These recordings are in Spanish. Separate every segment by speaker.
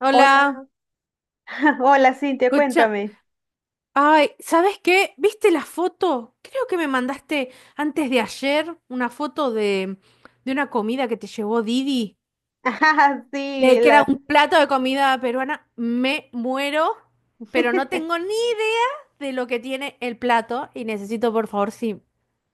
Speaker 1: Hola,
Speaker 2: Hola, hola Cintia,
Speaker 1: escucha.
Speaker 2: cuéntame.
Speaker 1: Ay, ¿sabes qué? ¿Viste la foto? Creo que me mandaste antes de ayer una foto de una comida que te llevó Didi,
Speaker 2: Ajá, sí,
Speaker 1: que era
Speaker 2: la...
Speaker 1: un plato de comida peruana. Me muero, pero no tengo ni idea de lo que tiene el plato y necesito, por favor, si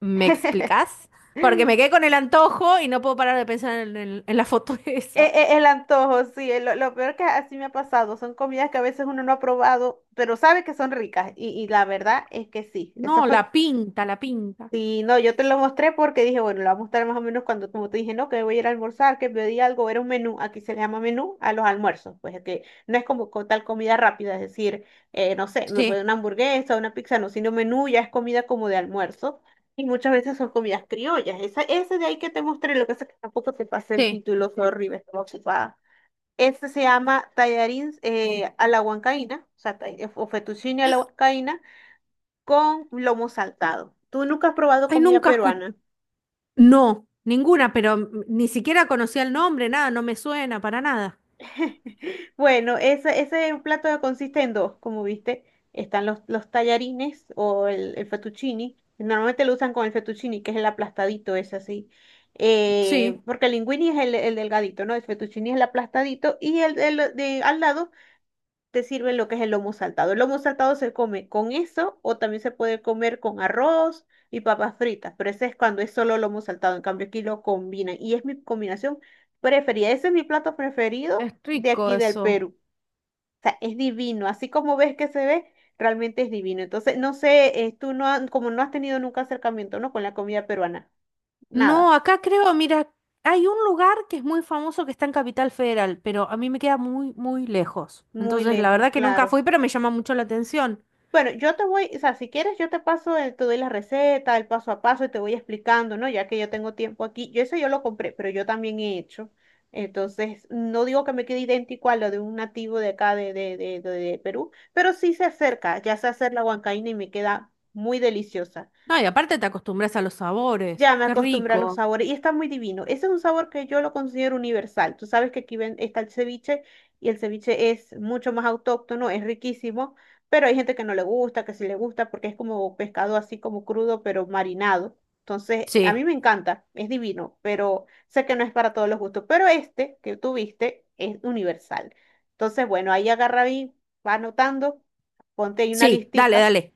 Speaker 1: me explicas, porque me quedé con el antojo y no puedo parar de pensar en, en la foto
Speaker 2: e-
Speaker 1: esa.
Speaker 2: e- el antojo, sí, lo peor que así me ha pasado, son comidas que a veces uno no ha probado, pero sabe que son ricas y la verdad es que sí,
Speaker 1: No,
Speaker 2: eso fue.
Speaker 1: la pinta, la pinta.
Speaker 2: Sí, no, yo te lo mostré porque dije, bueno, lo voy a mostrar más o menos cuando, como te dije, no, que me voy a ir a almorzar, que pedí algo, era un menú, aquí se le llama menú a los almuerzos, pues es que no es como tal comida rápida, es decir, no sé, me puede
Speaker 1: Sí,
Speaker 2: una hamburguesa, una pizza, no, sino menú ya es comida como de almuerzo, y muchas veces son comidas criollas, esa, ese de ahí que te mostré, lo que pasa es que tampoco te pasé el
Speaker 1: sí.
Speaker 2: título, sorry, me estaba ocupada. Este se llama tallarines a la huancaína, o sea, o fettuccine a la huancaína con lomo saltado. Tú nunca has probado
Speaker 1: Ay,
Speaker 2: comida
Speaker 1: nunca.
Speaker 2: peruana.
Speaker 1: No, ninguna, pero ni siquiera conocía el nombre, nada, no me suena para nada.
Speaker 2: Bueno, ese plato consiste en dos, como viste. Están los tallarines o el fettuccini. Normalmente lo usan con el fettuccini, que es el aplastadito, es así.
Speaker 1: Sí,
Speaker 2: Porque el linguini es el delgadito, ¿no? El fettuccini es el aplastadito y el de, al lado te sirve lo que es el lomo saltado. El lomo saltado se come con eso o también se puede comer con arroz y papas fritas, pero ese es cuando es solo lomo saltado. En cambio, aquí lo combinan y es mi combinación preferida. Ese es mi plato preferido
Speaker 1: es
Speaker 2: de
Speaker 1: rico
Speaker 2: aquí del
Speaker 1: eso.
Speaker 2: Perú. O sea, es divino. Así como ves que se ve, realmente es divino. Entonces, no sé, tú no, como no has tenido nunca acercamiento, ¿no? Con la comida peruana.
Speaker 1: No,
Speaker 2: Nada.
Speaker 1: acá creo, mira, hay un lugar que es muy famoso que está en Capital Federal, pero a mí me queda muy, muy lejos.
Speaker 2: Muy
Speaker 1: Entonces, la
Speaker 2: lejos,
Speaker 1: verdad que nunca
Speaker 2: claro.
Speaker 1: fui, pero me llama mucho la atención.
Speaker 2: Bueno, yo te voy, o sea, si quieres, yo te paso, te doy la receta, el paso a paso y te voy explicando, ¿no? Ya que yo tengo tiempo aquí. Yo eso yo lo compré, pero yo también he hecho. Entonces, no digo que me quede idéntico a lo de un nativo de acá de Perú, pero sí se acerca, ya sé hacer la huancaína y me queda muy deliciosa.
Speaker 1: No, y aparte te acostumbras a los sabores.
Speaker 2: Ya me
Speaker 1: Qué
Speaker 2: acostumbré a los
Speaker 1: rico.
Speaker 2: sabores y está muy divino. Ese es un sabor que yo lo considero universal. Tú sabes que aquí ven, está el ceviche y el ceviche es mucho más autóctono, es riquísimo, pero hay gente que no le gusta, que sí le gusta porque es como pescado así como crudo, pero marinado. Entonces, a
Speaker 1: Sí,
Speaker 2: mí me encanta, es divino, pero sé que no es para todos los gustos. Pero este que tuviste es universal. Entonces, bueno, ahí agarra y va anotando, ponte ahí una
Speaker 1: sí, dale,
Speaker 2: listica.
Speaker 1: dale.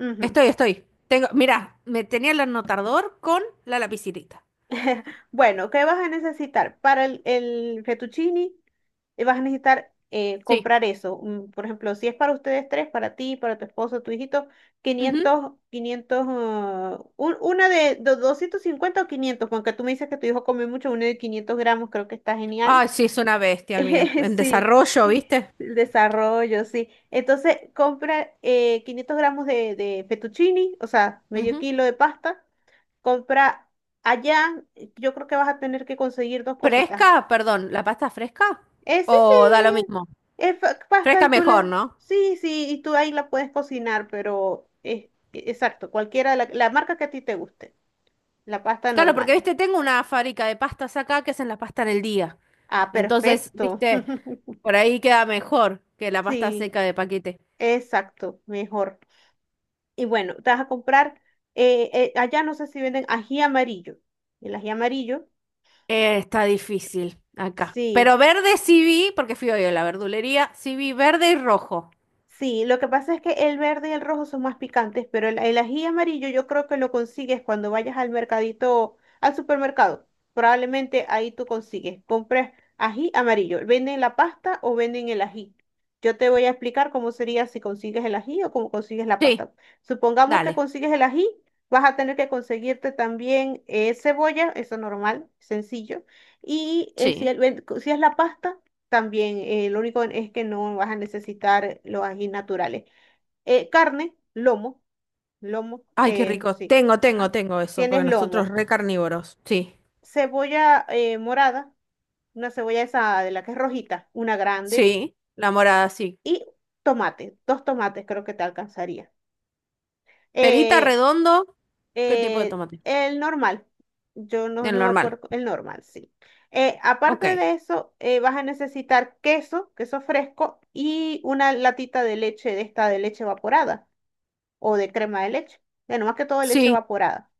Speaker 2: Ujú.
Speaker 1: Estoy, estoy. Tengo, mira, me tenía el anotador con la lapicita.
Speaker 2: Bueno, ¿qué vas a necesitar? Para el fettuccine vas a necesitar
Speaker 1: Sí.
Speaker 2: comprar eso. Por ejemplo, si es para ustedes tres, para ti, para tu esposo, tu hijito,
Speaker 1: Ujú.
Speaker 2: quinientos 500 ah, una de 250 o 500 aunque tú me dices que tu hijo come mucho, una de 500 gramos creo que está genial.
Speaker 1: Ay, sí, es una bestia el mío. En
Speaker 2: Sí,
Speaker 1: desarrollo, ¿viste?
Speaker 2: el desarrollo, sí. Entonces, compra 500 gramos de fettuccini, o sea, medio
Speaker 1: Ujú.
Speaker 2: kilo de pasta. Compra allá, yo creo que vas a tener que conseguir dos cositas.
Speaker 1: ¿Fresca? Perdón, ¿la pasta fresca?
Speaker 2: Sí, sí,
Speaker 1: ¿O da lo mismo?
Speaker 2: es pasta
Speaker 1: Fresca
Speaker 2: y tú
Speaker 1: mejor,
Speaker 2: la...
Speaker 1: ¿no?
Speaker 2: Sí, sí, y tú ahí la puedes cocinar, pero es exacto, cualquiera, la marca que a ti te guste, la pasta
Speaker 1: Claro, porque,
Speaker 2: normal.
Speaker 1: viste, tengo una fábrica de pastas acá que hacen la pasta en el día.
Speaker 2: Ah,
Speaker 1: Entonces,
Speaker 2: perfecto.
Speaker 1: viste, por ahí queda mejor que la pasta
Speaker 2: Sí,
Speaker 1: seca de paquete.
Speaker 2: exacto, mejor. Y bueno, te vas a comprar, allá no sé si venden ají amarillo. El ají amarillo,
Speaker 1: Está difícil acá. Pero
Speaker 2: sí.
Speaker 1: verde sí vi, porque fui hoy a la verdulería, sí vi verde y rojo.
Speaker 2: Sí, lo que pasa es que el verde y el rojo son más picantes, pero el ají amarillo yo creo que lo consigues cuando vayas al mercadito, al supermercado. Probablemente ahí tú consigues. Compras ají amarillo. ¿Venden la pasta o venden el ají? Yo te voy a explicar cómo sería si consigues el ají o cómo consigues la
Speaker 1: Sí,
Speaker 2: pasta. Supongamos que
Speaker 1: dale.
Speaker 2: consigues el ají, vas a tener que conseguirte también cebolla, eso normal, sencillo. Y si,
Speaker 1: Sí.
Speaker 2: si es la pasta también lo único es que no vas a necesitar los ají naturales. Carne, lomo,
Speaker 1: Ay, qué rico.
Speaker 2: sí.
Speaker 1: Tengo, tengo,
Speaker 2: Ajá.
Speaker 1: tengo eso, porque
Speaker 2: Tienes
Speaker 1: nosotros
Speaker 2: lomo.
Speaker 1: re carnívoros. Sí.
Speaker 2: Cebolla morada, una cebolla esa de la que es rojita, una grande.
Speaker 1: Sí, la morada, sí.
Speaker 2: Y tomate, dos tomates creo que te alcanzaría.
Speaker 1: Perita
Speaker 2: Eh,
Speaker 1: redondo, ¿qué tipo de tomate?
Speaker 2: El normal. Yo no,
Speaker 1: El
Speaker 2: no me
Speaker 1: normal.
Speaker 2: acuerdo. El normal, sí.
Speaker 1: Ok.
Speaker 2: Aparte de eso, vas a necesitar queso, queso fresco y una latita de leche, de esta de leche evaporada o de crema de leche. Bueno, más que todo leche
Speaker 1: Sí,
Speaker 2: evaporada.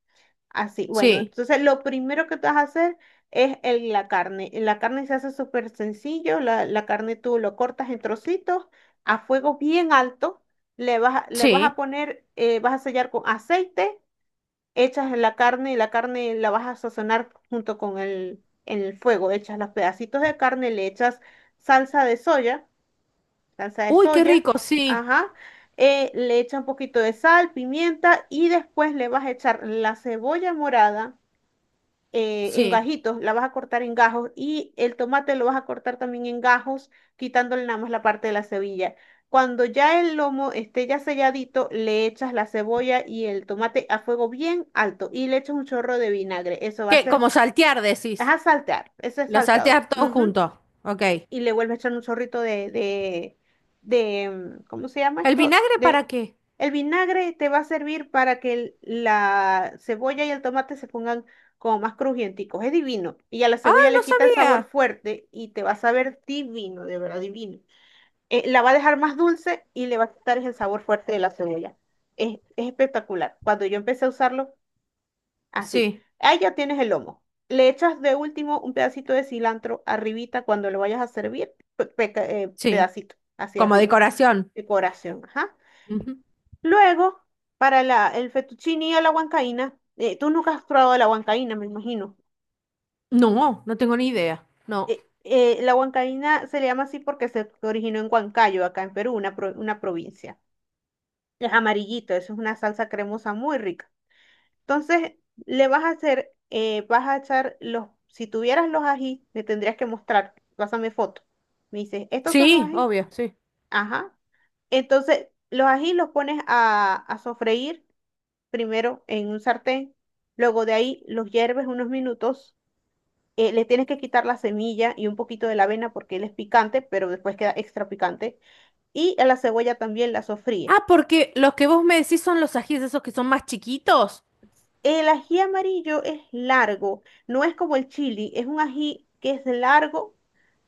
Speaker 2: Así, bueno,
Speaker 1: sí,
Speaker 2: entonces lo primero que te vas a hacer es la carne. La carne se hace súper sencillo. La carne tú lo cortas en trocitos a fuego bien alto. Le vas, le vas a
Speaker 1: sí.
Speaker 2: poner, vas a sellar con aceite, echas la carne y la carne la vas a sazonar junto con el, en el fuego. Echas los pedacitos de carne, le echas salsa de soya, salsa de
Speaker 1: Uy, qué
Speaker 2: soya,
Speaker 1: rico, sí,
Speaker 2: ajá. Le echas un poquito de sal, pimienta y después le vas a echar la cebolla morada en
Speaker 1: sí.
Speaker 2: gajitos, la vas a cortar en gajos y el tomate lo vas a cortar también en gajos, quitándole nada más la parte de la cebilla. Cuando ya el lomo esté ya selladito, le echas la cebolla y el tomate a fuego bien alto y le echas un chorro de vinagre. Eso va a
Speaker 1: ¿Qué?
Speaker 2: ser,
Speaker 1: Como saltear,
Speaker 2: vas
Speaker 1: decís.
Speaker 2: a saltear, ese es
Speaker 1: Lo
Speaker 2: salteado.
Speaker 1: saltear todo
Speaker 2: Ujú,
Speaker 1: junto. Ok.
Speaker 2: y le vuelve a echar un chorrito ¿cómo se llama
Speaker 1: ¿El
Speaker 2: esto?
Speaker 1: vinagre para
Speaker 2: De,
Speaker 1: qué?
Speaker 2: el vinagre te va a servir para que la cebolla y el tomate se pongan como más crujienticos. Es divino. Y a la
Speaker 1: Ah,
Speaker 2: cebolla
Speaker 1: no
Speaker 2: le quita el sabor
Speaker 1: sabía.
Speaker 2: fuerte y te va a saber divino, de verdad divino. La va a dejar más dulce y le va a quitar el sabor fuerte de la cebolla. Es espectacular. Cuando yo empecé a usarlo, así.
Speaker 1: Sí,
Speaker 2: Ahí ya tienes el lomo. Le echas de último un pedacito de cilantro arribita cuando lo vayas a servir,
Speaker 1: sí.
Speaker 2: pedacito hacia
Speaker 1: Como
Speaker 2: arriba.
Speaker 1: decoración.
Speaker 2: Decoración, ajá.
Speaker 1: Ujú.
Speaker 2: Luego, para la, el fettuccine o la huancaína, tú nunca has probado la huancaína, me imagino.
Speaker 1: No, no tengo ni idea. No.
Speaker 2: La huancaína se le llama así porque se originó en Huancayo, acá en Perú, una, una provincia. Es amarillito, eso es una salsa cremosa muy rica. Entonces, le vas a hacer, vas a echar los, si tuvieras los ají, me tendrías que mostrar, pásame foto. Me dices, ¿estos son los
Speaker 1: Sí,
Speaker 2: ají?
Speaker 1: obvio, sí.
Speaker 2: Ajá. Entonces, los ají los pones a sofreír primero en un sartén, luego de ahí los hierves unos minutos, le tienes que quitar la semilla y un poquito de la avena porque él es picante, pero después queda extra picante, y a la cebolla también la sofríes.
Speaker 1: Ah, porque los que vos me decís son los ajíes esos que son más chiquitos.
Speaker 2: El ají amarillo es largo, no es como el chili, es un ají que es largo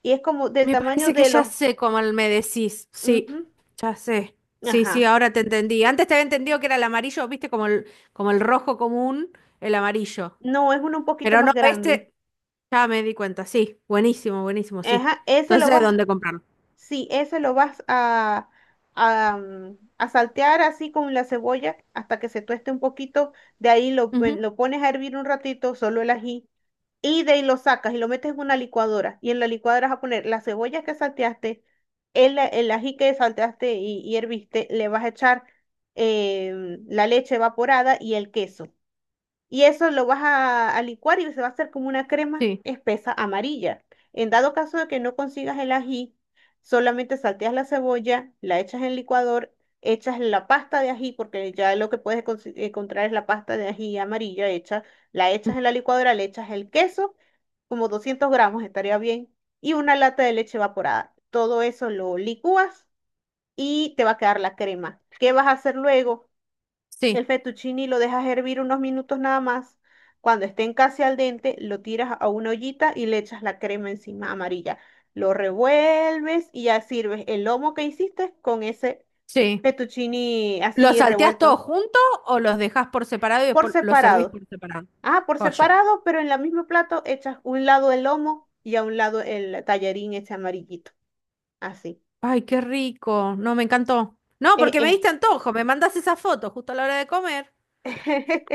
Speaker 2: y es como del
Speaker 1: Me
Speaker 2: tamaño
Speaker 1: parece que
Speaker 2: de
Speaker 1: ya
Speaker 2: los...
Speaker 1: sé cómo me decís. Sí,
Speaker 2: Ujú.
Speaker 1: ya sé. Sí, sí,
Speaker 2: Ajá.
Speaker 1: ahora te entendí. Antes te había entendido que era el amarillo, viste, como el rojo común, el amarillo.
Speaker 2: No, es uno un poquito
Speaker 1: Pero no,
Speaker 2: más grande.
Speaker 1: este ya me di cuenta. Sí, buenísimo, buenísimo, sí.
Speaker 2: Ajá, ese lo
Speaker 1: Entonces,
Speaker 2: vas...
Speaker 1: ¿dónde comprarlo?
Speaker 2: Sí, ese lo vas a, a saltear así con la cebolla hasta que se tueste un poquito. De ahí lo,
Speaker 1: Ujú.
Speaker 2: lo pones a hervir un ratito, solo el ají. Y de ahí lo sacas y lo metes en una licuadora. Y en la licuadora vas a poner la cebolla que salteaste, el, el ají que salteaste y herviste. Le vas a echar la leche evaporada y el queso. Y eso lo vas a licuar y se va a hacer como una crema
Speaker 1: Sí,
Speaker 2: espesa amarilla. En dado caso de que no consigas el ají, solamente salteas la cebolla, la echas en el licuador, echas la pasta de ají, porque ya lo que puedes encontrar es la pasta de ají amarilla hecha, la echas
Speaker 1: ujú,
Speaker 2: en la licuadora, le echas el queso, como 200 gramos estaría bien, y una lata de leche evaporada. Todo eso lo licúas y te va a quedar la crema. ¿Qué vas a hacer luego? El
Speaker 1: sí,
Speaker 2: fettuccine lo dejas hervir unos minutos nada más. Cuando estén casi al dente, lo tiras a una ollita y le echas la crema encima amarilla. Lo revuelves y ya sirves el lomo que hiciste con ese
Speaker 1: sí.
Speaker 2: fettuccine
Speaker 1: ¿Los
Speaker 2: así
Speaker 1: salteás todos
Speaker 2: revuelto
Speaker 1: juntos o los dejás por separado y
Speaker 2: por
Speaker 1: después los servís
Speaker 2: separado.
Speaker 1: por separado?
Speaker 2: Ah, por
Speaker 1: Joya.
Speaker 2: separado, pero en la mismo plato echas un lado el lomo y a un lado el tallarín ese amarillito. Así.
Speaker 1: Ay, qué rico. No, me encantó. No,
Speaker 2: Es,
Speaker 1: porque me
Speaker 2: es
Speaker 1: diste antojo. Me mandás esa foto justo a la hora de comer.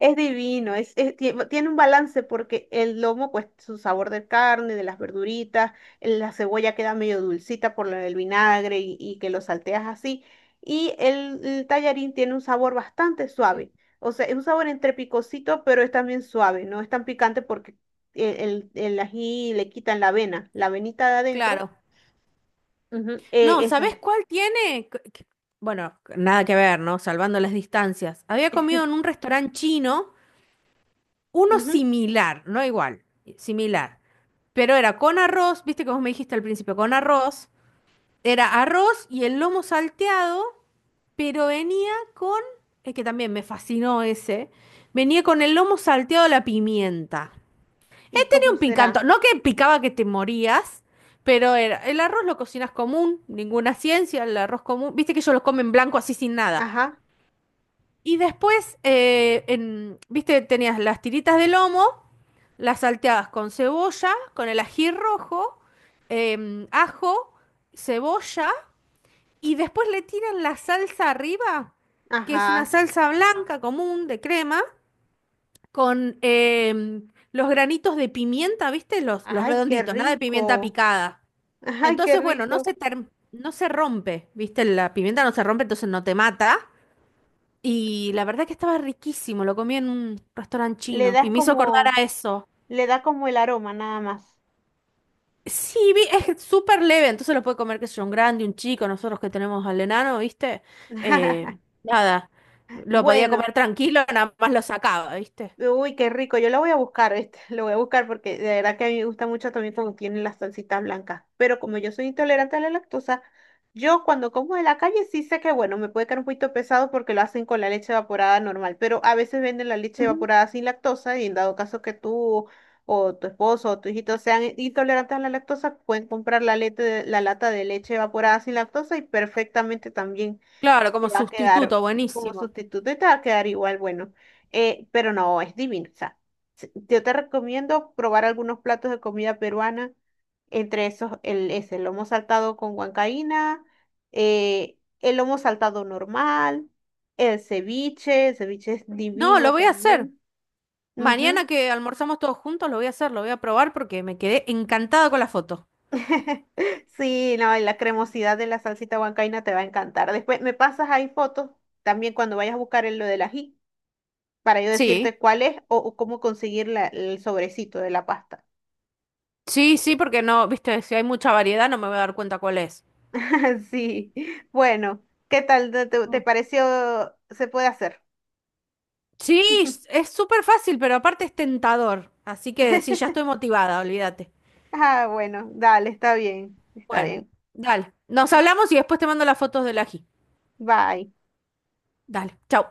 Speaker 2: es divino, tiene un balance porque el lomo, pues su sabor de carne, de las verduritas, la cebolla queda medio dulcita por lo del vinagre y que lo salteas así. Y el tallarín tiene un sabor bastante
Speaker 1: Sí.
Speaker 2: suave. O sea, es un sabor entre picosito, pero es también suave, no es tan picante porque el ají le quitan la avena, la avenita de adentro.
Speaker 1: Claro.
Speaker 2: Ujú,
Speaker 1: No,
Speaker 2: esa
Speaker 1: ¿sabés
Speaker 2: es.
Speaker 1: cuál tiene? Bueno, nada que ver, ¿no? Salvando las distancias. Había comido en un restaurante chino, uno
Speaker 2: Ujú,
Speaker 1: similar, no igual, similar. Pero era con arroz, viste que vos me dijiste al principio, con arroz. Era arroz y el lomo salteado, pero venía con, es que también me fascinó ese, venía con el lomo salteado a la pimienta
Speaker 2: ¿y cómo
Speaker 1: un picanto.
Speaker 2: será?
Speaker 1: No que picaba que te morías, pero era, el arroz lo cocinas común, ninguna ciencia, el arroz común. Viste que ellos lo comen blanco así sin nada.
Speaker 2: Ajá,
Speaker 1: Y después, viste, tenías las tiritas de lomo, las salteabas con cebolla, con el ají rojo, ajo, cebolla, y después le tiran la salsa arriba, que es una
Speaker 2: ajá.
Speaker 1: salsa blanca común de crema, con los granitos de pimienta, ¿viste? Los
Speaker 2: Ay, qué
Speaker 1: redonditos, nada de pimienta
Speaker 2: rico.
Speaker 1: picada.
Speaker 2: Ay, qué
Speaker 1: Entonces, bueno,
Speaker 2: rico.
Speaker 1: no se rompe, ¿viste? La pimienta no se rompe, entonces no te mata. Y la verdad que estaba riquísimo, lo comí en un restaurante
Speaker 2: Le
Speaker 1: chino
Speaker 2: das
Speaker 1: y me hizo acordar
Speaker 2: como,
Speaker 1: a eso.
Speaker 2: le da como el aroma nada más.
Speaker 1: Sí, es súper leve, entonces lo puede comer, qué sé yo, un grande, un chico, nosotros que tenemos al enano, ¿viste? Eh, nada, lo podía
Speaker 2: Bueno.
Speaker 1: comer tranquilo, nada más lo sacaba, ¿viste?
Speaker 2: Uy, qué rico. Yo lo voy a buscar, ¿viste? Lo voy a buscar porque de verdad que a mí me gusta mucho también cuando tienen las salsitas blancas. Pero como yo soy intolerante a la lactosa, yo cuando como de la calle sí sé que, bueno, me puede quedar un poquito pesado porque lo hacen con la leche evaporada normal. Pero a veces venden la leche
Speaker 1: Ujú.
Speaker 2: evaporada sin lactosa y en dado caso que tú o tu esposo o tu hijito sean intolerantes a la lactosa, pueden comprar la, la lata de leche evaporada sin lactosa y perfectamente también
Speaker 1: Claro, como
Speaker 2: te va a quedar
Speaker 1: sustituto,
Speaker 2: como
Speaker 1: buenísimo.
Speaker 2: sustituto y te va a quedar igual, bueno, pero no, es divino. O sea, yo te recomiendo probar algunos platos de comida peruana, entre esos el, ese, el lomo saltado con huancaína, el lomo saltado normal, el ceviche es
Speaker 1: No, lo
Speaker 2: divino
Speaker 1: voy a hacer.
Speaker 2: también.
Speaker 1: Mañana
Speaker 2: Ujú.
Speaker 1: que almorzamos todos juntos, lo voy a hacer, lo voy a probar porque me quedé encantada con la foto.
Speaker 2: Sí, no, y la cremosidad de la salsita huancaína te va a encantar. Después me pasas ahí fotos también cuando vayas a buscar el, lo del ají, para yo
Speaker 1: Sí,
Speaker 2: decirte cuál es o cómo conseguir el sobrecito de la pasta.
Speaker 1: sí, sí, porque no, viste, si hay mucha variedad no me voy a dar cuenta cuál es.
Speaker 2: Sí, bueno, ¿qué tal te
Speaker 1: Mm.
Speaker 2: pareció? ¿Se puede hacer?
Speaker 1: Sí, es súper fácil, pero aparte es tentador. Así que sí, ya estoy motivada, olvídate.
Speaker 2: Ah, bueno, dale, está bien, está
Speaker 1: Bueno,
Speaker 2: bien.
Speaker 1: dale. Nos hablamos y después te mando las fotos del ají.
Speaker 2: Bye.
Speaker 1: Dale, chau.